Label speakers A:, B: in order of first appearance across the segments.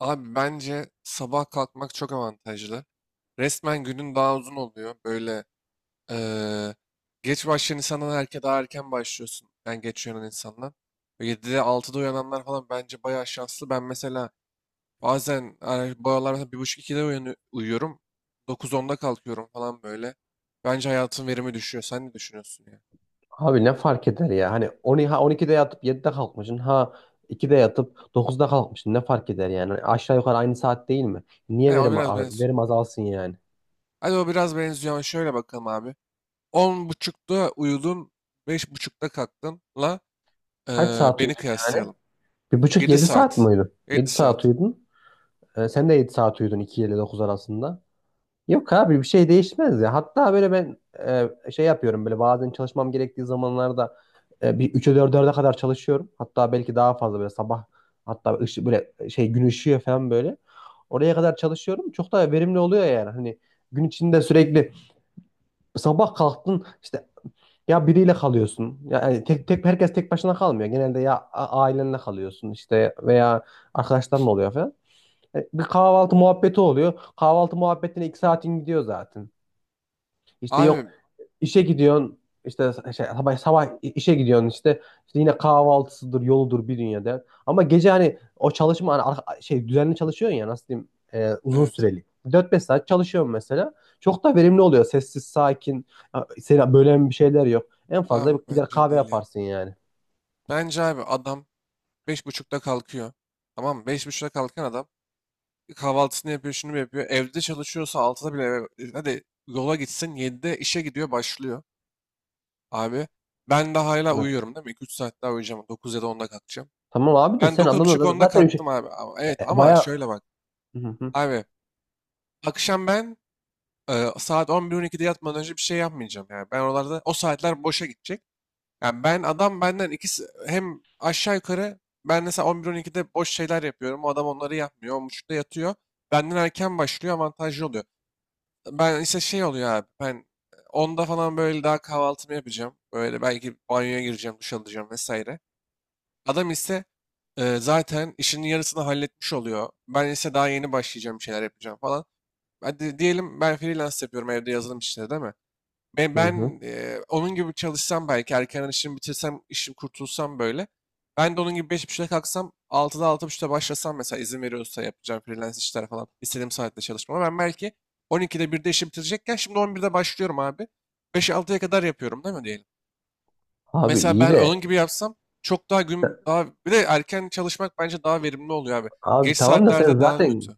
A: Abi bence sabah kalkmak çok avantajlı. Resmen günün daha uzun oluyor. Böyle eee, geç başlayan insandan daha erken başlıyorsun. Ben geç uyanan insandan. Böyle 7'de 6'da uyananlar falan bence bayağı şanslı. Ben mesela bazen bu aralar mesela 1.30-2'de uyuyorum. 9-10'da kalkıyorum falan böyle. Bence hayatın verimi düşüyor. Sen ne düşünüyorsun ya?
B: Abi ne fark eder ya? Hani 10 ha 12'de yatıp 7'de kalkmışsın. Ha 2'de yatıp 9'da kalkmışsın. Ne fark eder yani? Hani aşağı yukarı aynı saat değil mi?
A: He,
B: Niye
A: o biraz benziyor.
B: verim azalsın yani?
A: Hadi o biraz benziyor ama şöyle bakalım abi. 10.30'da uyudun, 5.30'da kalktın.
B: Kaç saat
A: Beni
B: uyudun yani?
A: kıyaslayalım.
B: Bir buçuk
A: 7
B: 7 saat mi
A: saat.
B: uyudun?
A: 7
B: 7 saat
A: saat.
B: uyudun. Sen de 7 saat uyudun 2 ile 9 arasında. Yok abi bir şey değişmez ya. Hatta böyle ben şey yapıyorum böyle bazen çalışmam gerektiği zamanlarda bir 3'e 4'e kadar çalışıyorum. Hatta belki daha fazla böyle sabah hatta böyle şey gün ışıyor falan böyle. Oraya kadar çalışıyorum. Çok daha verimli oluyor yani. Hani gün içinde sürekli sabah kalktın işte ya biriyle kalıyorsun. Ya yani tek tek herkes tek başına kalmıyor. Genelde ailenle kalıyorsun işte veya arkadaşların oluyor falan. Bir kahvaltı muhabbeti oluyor. Kahvaltı muhabbetine 2 saatin gidiyor zaten. İşte yok
A: Abi,
B: işe gidiyorsun işte şey, sabah işe gidiyorsun işte, işte yine kahvaltısıdır yoludur bir dünya der. Ama gece hani o çalışma hani şey düzenli çalışıyorsun ya nasıl diyeyim uzun
A: evet.
B: süreli. Dört beş saat çalışıyorum mesela. Çok da verimli oluyor. Sessiz, sakin. Ha, Seni bölen bir şeyler yok. En fazla
A: Abi
B: gider
A: bence
B: kahve
A: değil ya.
B: yaparsın yani.
A: Bence abi adam 5.30'da kalkıyor. Tamam mı? 5.30'da kalkan adam kahvaltısını yapıyor, şunu yapıyor. Evde çalışıyorsa 6'da bile hadi yola gitsin, 7'de işe gidiyor, başlıyor abi. Ben daha hala
B: Evet.
A: uyuyorum değil mi? 2-3 saat daha uyuyacağım. 9 ya da 10'da kalkacağım.
B: Tamam abi de
A: Ben
B: sen
A: dokuz buçuk
B: adamla
A: onda
B: zaten
A: kalktım abi. Evet ama
B: baya.
A: şöyle bak.
B: Hı hı,
A: Abi akşam ben, saat 11-12'de yatmadan önce bir şey yapmayacağım. Yani ben oralarda o saatler boşa gidecek. Yani ben adam benden ikisi hem aşağı yukarı ben mesela 11-12'de boş şeyler yapıyorum. O adam onları yapmıyor. 10.30'da yatıyor. Benden erken başlıyor, avantajlı oluyor. Ben ise şey oluyor abi, ben 10'da falan böyle daha kahvaltımı yapacağım. Böyle belki banyoya gireceğim, duş alacağım vesaire. Adam ise zaten işinin yarısını halletmiş oluyor. Ben ise daha yeni başlayacağım, bir şeyler yapacağım falan. Hadi diyelim ben freelance yapıyorum evde, yazılım işleri değil mi? Ve
B: hı hı.
A: ben onun gibi çalışsam belki erken işimi bitirsem, işim kurtulsam böyle. Ben de onun gibi 5.30'da kalksam, altıda altı buçukta başlasam, mesela izin veriyorsa yapacağım freelance işler falan istediğim saatte çalışmama. Ben belki on iki'de birde işi bitirecekken şimdi 11'de başlıyorum abi. Beş altıya kadar yapıyorum değil mi diyelim.
B: Abi
A: Mesela
B: iyi
A: ben onun
B: de
A: gibi yapsam çok daha gün daha bir de erken çalışmak bence daha verimli oluyor abi.
B: abi
A: Geç
B: tamam da sen
A: saatlerde daha
B: zaten
A: kötü.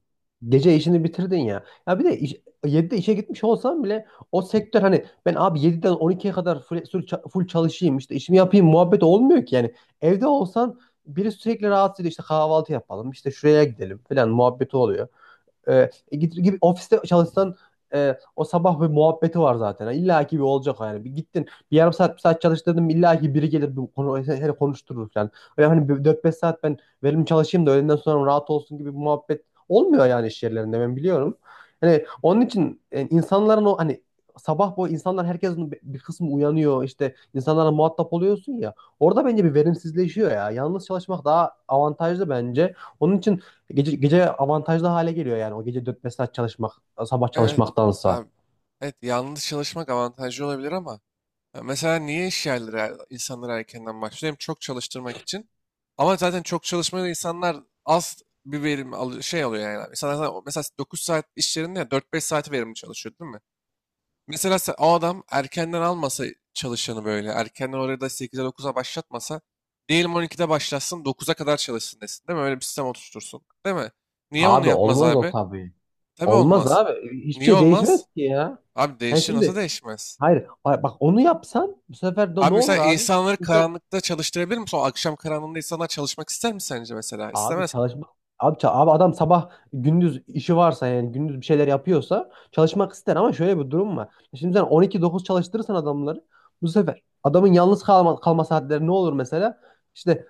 B: gece işini bitirdin ya. Ya bir de iş, 7'de işe gitmiş olsam bile o sektör hani ben abi 7'den 12'ye kadar full çalışayım işte işimi yapayım muhabbet olmuyor ki yani. Evde olsan biri sürekli rahatsız ediyor işte kahvaltı yapalım işte şuraya gidelim falan muhabbeti oluyor. Gibi ofiste çalışsan o sabah bir muhabbeti var zaten. Yani İlla ki bir olacak yani. Bir gittin bir yarım saat bir saat çalıştırdım illa ki biri gelir bir konu, seni konuşturur yani. Öyle hani dört beş saat ben verimli çalışayım da öğleden sonra rahat olsun gibi bir muhabbet olmuyor yani iş yerlerinde ben biliyorum. Yani onun için yani insanların o hani sabah bu insanlar herkesin bir kısmı uyanıyor işte insanlarla muhatap oluyorsun ya orada bence bir verimsizleşiyor ya. Yalnız çalışmak daha avantajlı bence. Onun için gece avantajlı hale geliyor yani. O gece dört beş saat çalışmak, sabah
A: Evet
B: çalışmaktansa.
A: abi. Evet, yalnız çalışmak avantajlı olabilir ama ya mesela niye iş yerleri insanları erkenden başlıyor? Hem çok çalıştırmak için. Ama zaten çok çalışmayan insanlar az bir verim alıyor yani. Mesela, zaten mesela 9 saat iş yerinde ya 4-5 saati verimli çalışıyor değil mi? Mesela o adam erkenden almasa çalışanı böyle. Erkenden orada 8'e 9'a başlatmasa. Diyelim 12'de başlatsın, 9'a kadar çalışsın desin değil mi? Öyle bir sistem oturtursun. Değil mi? Niye onu
B: Abi
A: yapmaz
B: olmaz o
A: abi?
B: tabii.
A: Tabii
B: Olmaz
A: olmaz.
B: abi. Hiçbir
A: Niye
B: şey değişmez
A: olmaz?
B: ki ya.
A: Abi
B: Yani
A: değişir, nasıl
B: şimdi
A: değişmez?
B: hayır bak onu yapsan bu sefer de ne
A: Abi
B: olur
A: mesela
B: abi?
A: insanları
B: İnsan
A: karanlıkta çalıştırabilir misin? O akşam karanlığında insanlar çalışmak ister mi sence mesela?
B: abi
A: İstemez.
B: çalışmak abi adam sabah gündüz işi varsa yani gündüz bir şeyler yapıyorsa çalışmak ister ama şöyle bir durum var. Şimdi sen 12-9 çalıştırırsan adamları bu sefer adamın yalnız kalma saatleri ne olur mesela? İşte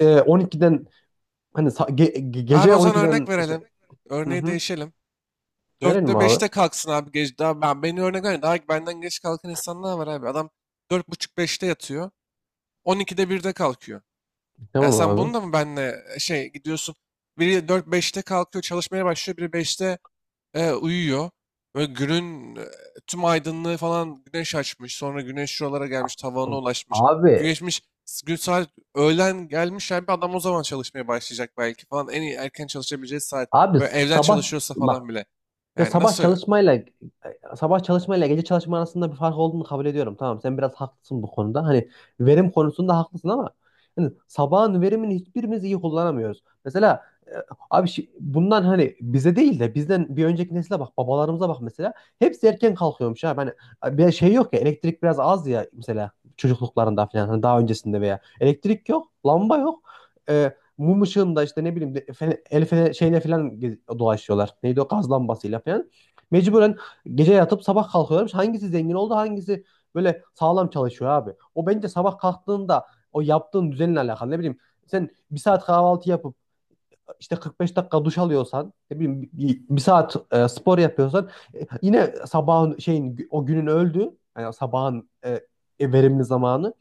B: 12'den hani
A: Abi
B: gece
A: o zaman örnek
B: 12'den işte.
A: verelim.
B: Hı
A: Örneği
B: hı.
A: değişelim.
B: Verelim
A: Dörtte
B: abi.
A: beşte kalksın abi, gece. Daha ben, beni örnek ver. Daha benden geç kalkan insanlar var abi. Adam dört buçuk beşte yatıyor. 12'de birde kalkıyor. Yani
B: Tamam
A: sen bunu
B: abi.
A: da mı benle şey gidiyorsun? Biri dört beşte kalkıyor, çalışmaya başlıyor. Biri beşte uyuyor. Böyle günün tüm aydınlığı falan güneş açmış. Sonra güneş şuralara gelmiş, tavana ulaşmış.
B: Abi,
A: Güneşmiş, gün saat öğlen gelmiş. Yani bir adam o zaman çalışmaya başlayacak belki falan. En iyi erken çalışabileceği saat.
B: abi
A: Böyle evden
B: sabah
A: çalışıyorsa
B: bak
A: falan bile.
B: Ya
A: Yani
B: sabah
A: nasıl?
B: çalışma ile gece çalışma arasında bir fark olduğunu kabul ediyorum. Tamam sen biraz haklısın bu konuda. Hani verim konusunda haklısın ama hani sabahın verimini hiçbirimiz iyi kullanamıyoruz. Mesela abi bundan hani bize değil de bizden bir önceki nesile bak babalarımıza bak mesela. Hepsi erken kalkıyormuş abi. Hani bir şey yok ya elektrik biraz az ya mesela çocukluklarında falan hani daha öncesinde veya elektrik yok, lamba yok. Mum ışığında işte ne bileyim şeyle falan dolaşıyorlar. Neydi o gaz lambasıyla falan. Mecburen gece yatıp sabah kalkıyorlarmış. Hangisi zengin oldu, hangisi böyle sağlam çalışıyor abi. O bence sabah kalktığında o yaptığın düzenle alakalı. Ne bileyim sen bir saat kahvaltı yapıp işte 45 dakika duş alıyorsan, ne bileyim bir saat spor yapıyorsan yine sabahın şeyin o günün öldü. Yani sabahın verimli zamanı.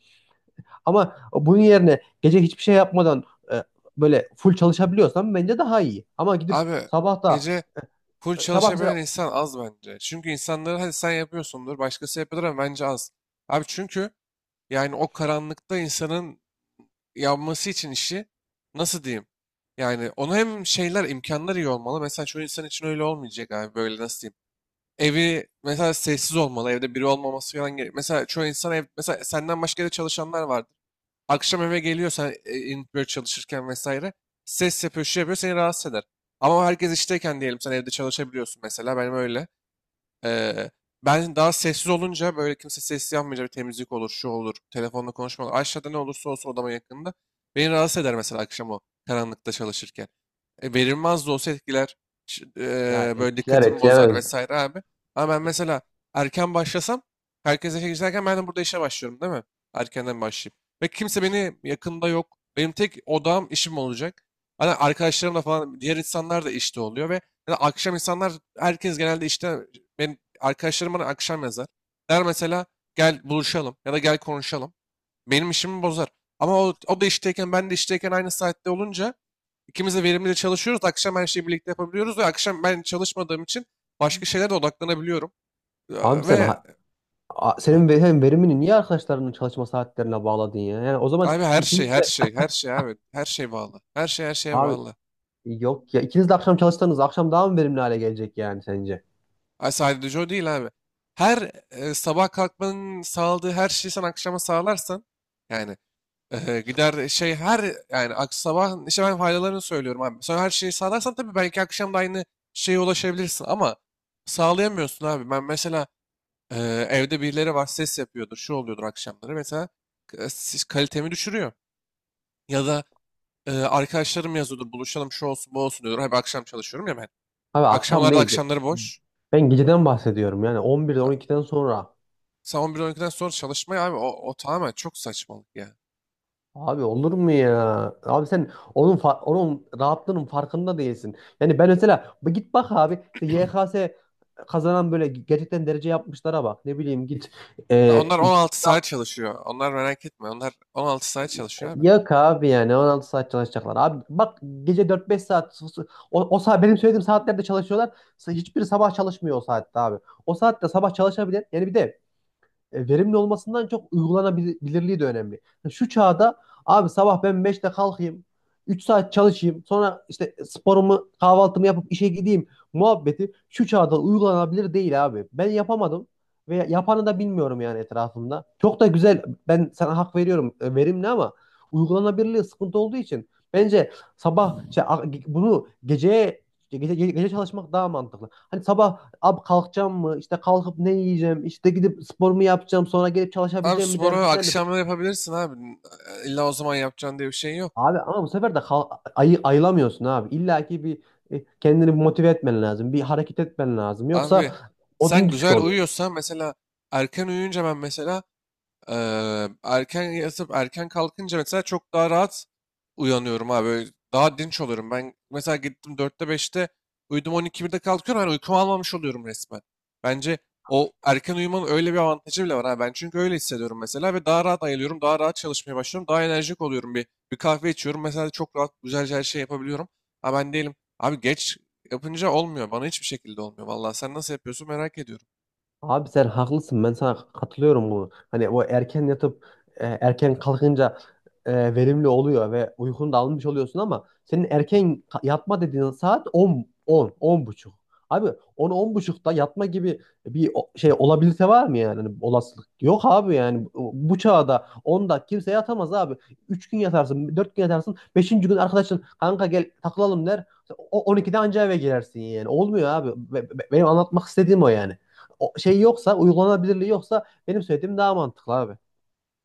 B: Ama bunun yerine gece hiçbir şey yapmadan e, böyle full çalışabiliyorsan bence daha iyi. Ama gidip
A: Abi
B: sabah da
A: gece full
B: e, sabah
A: çalışabilen
B: mesela
A: insan az bence. Çünkü insanları hadi sen yapıyorsundur, başkası yapıyordur ama bence az. Abi çünkü yani o karanlıkta insanın yapması için işi nasıl diyeyim? Yani onu hem şeyler imkanlar iyi olmalı. Mesela çoğu insan için öyle olmayacak abi, böyle nasıl diyeyim? Evi mesela sessiz olmalı. Evde biri olmaması falan gerek. Mesela çoğu insan, ev mesela senden başka da çalışanlar vardır. Akşam eve geliyor, sen böyle çalışırken vesaire ses yapıyor, şey yapıyor, seni rahatsız eder. Ama herkes işteyken diyelim sen evde çalışabiliyorsun, mesela benim öyle. Eee, Ben daha sessiz olunca, böyle kimse sessiz yapmayınca, bir temizlik olur, şu olur, telefonla konuşma olur. Aşağıda ne olursa olsun odama yakında. Beni rahatsız eder mesela akşam o karanlıkta çalışırken. Verilmez de olsa etkiler. Ç-
B: ya
A: Böyle
B: etkiler
A: dikkatimi bozar
B: etkilemez.
A: vesaire abi. Ama ben mesela erken başlasam, herkes işe giderken ben de burada işe başlıyorum değil mi? Erkenden başlayayım. Ve kimse beni yakında yok. Benim tek odağım işim olacak. Hani arkadaşlarım da falan diğer insanlar da işte oluyor ve ya da akşam insanlar, herkes genelde işte, benim arkadaşlarım bana akşam yazar. Der mesela, gel buluşalım ya da gel konuşalım. Benim işimi bozar. Ama o da işteyken, ben de işteyken aynı saatte olunca İkimiz de verimli çalışıyoruz. Akşam her şeyi birlikte yapabiliyoruz ve akşam ben çalışmadığım için başka şeylere de odaklanabiliyorum.
B: Abi
A: Ya,
B: sen
A: ve
B: ha.
A: ay,
B: Senin hem verimini niye arkadaşlarının çalışma saatlerine bağladın ya? Yani o zaman
A: abi, her şey,
B: ikiniz
A: her
B: de
A: şey, her şey abi. Her şey bağlı. Her şey her şeye
B: abi
A: bağlı.
B: yok ya ikiniz de akşam çalışsanız akşam daha mı verimli hale gelecek yani sence?
A: Ay, sadece o değil abi. Her sabah kalkmanın sağladığı her şeyi sen akşama sağlarsan, yani gider şey her yani sabah, işte ben faydalarını söylüyorum abi. Sonra her şeyi sağlarsan tabii belki akşam da aynı şeye ulaşabilirsin ama sağlayamıyorsun abi. Ben mesela evde birileri var, ses yapıyordur, şu oluyordur akşamları. Mesela kalitemi düşürüyor. Ya da arkadaşlarım yazıyordur, buluşalım şu olsun bu olsun diyordur. Abi akşam çalışıyorum ya ben.
B: Abi akşam
A: Akşamlarda
B: değil.
A: akşamları boş.
B: Ben geceden bahsediyorum yani 11'den
A: Abi,
B: 12'den sonra.
A: sen 11-12'den sonra çalışmaya, abi o tamamen çok saçmalık ya.
B: Abi olur mu ya? Abi sen onun rahatlığının farkında değilsin. Yani ben mesela bu git bak abi işte YKS kazanan böyle gerçekten derece yapmışlara bak. Ne bileyim
A: Ya,
B: e,
A: onlar 16 saat çalışıyor. Onlar merak etme. Onlar 16 saat çalışıyor abi.
B: yok abi yani 16 saat çalışacaklar. Abi bak gece 4-5 saat o saat benim söylediğim saatlerde çalışıyorlar. Hiçbiri sabah çalışmıyor o saatte abi. O saatte sabah çalışabilen yani bir de verimli olmasından çok uygulanabilirliği de önemli. Yani şu çağda abi sabah ben 5'te kalkayım, 3 saat çalışayım, sonra işte sporumu, kahvaltımı yapıp işe gideyim muhabbeti şu çağda uygulanabilir değil abi. Ben yapamadım ve yapanı da bilmiyorum yani etrafımda. Çok da güzel, ben sana hak veriyorum, verimli ama uygulanabilirliği sıkıntı olduğu için bence bunu geceye gece çalışmak daha mantıklı. Hani sabah abi kalkacağım mı? İşte kalkıp ne yiyeceğim? İşte gidip spor mu yapacağım? Sonra gelip
A: Abi
B: çalışabileceğim mi
A: sporu
B: derdinden öte.
A: akşamları yapabilirsin abi. İlla o zaman yapacaksın diye bir şey yok.
B: Abi ama bu sefer de ayı ayılamıyorsun abi. İlla ki bir kendini bir motive etmen lazım. Bir hareket etmen lazım.
A: Abi
B: Yoksa
A: sen
B: odun düşük
A: güzel
B: oluyor.
A: uyuyorsan mesela erken uyuyunca, ben mesela erken yatıp erken kalkınca mesela çok daha rahat uyanıyorum abi. Böyle, daha dinç oluyorum. Ben mesela gittim dörtte beşte uyudum, on iki birde kalkıyorum. Hani uykumu almamış oluyorum resmen. Bence o erken uyumanın öyle bir avantajı bile var. Ha. Ben çünkü öyle hissediyorum mesela ve daha rahat ayılıyorum. Daha rahat çalışmaya başlıyorum. Daha enerjik oluyorum. Bir kahve içiyorum. Mesela çok rahat güzelce her şey yapabiliyorum. Ha, ben değilim. Abi geç yapınca olmuyor. Bana hiçbir şekilde olmuyor. Vallahi sen nasıl yapıyorsun merak ediyorum.
B: Abi sen haklısın. Ben sana katılıyorum bu. Hani o erken yatıp erken kalkınca verimli oluyor ve uykunu da almış oluyorsun ama senin erken yatma dediğin saat 10 10 10 buçuk. Abi 10 10 buçukta yatma gibi bir şey olabilirse var mı yani? Hani olasılık yok abi yani bu çağda 10'da kimse yatamaz abi. 3 gün yatarsın, 4 gün yatarsın. 5'inci gün arkadaşın kanka gel takılalım der. O 12'de anca eve girersin yani. Olmuyor abi. Benim anlatmak istediğim o yani o şey yoksa uygulanabilirliği yoksa benim söylediğim daha mantıklı abi.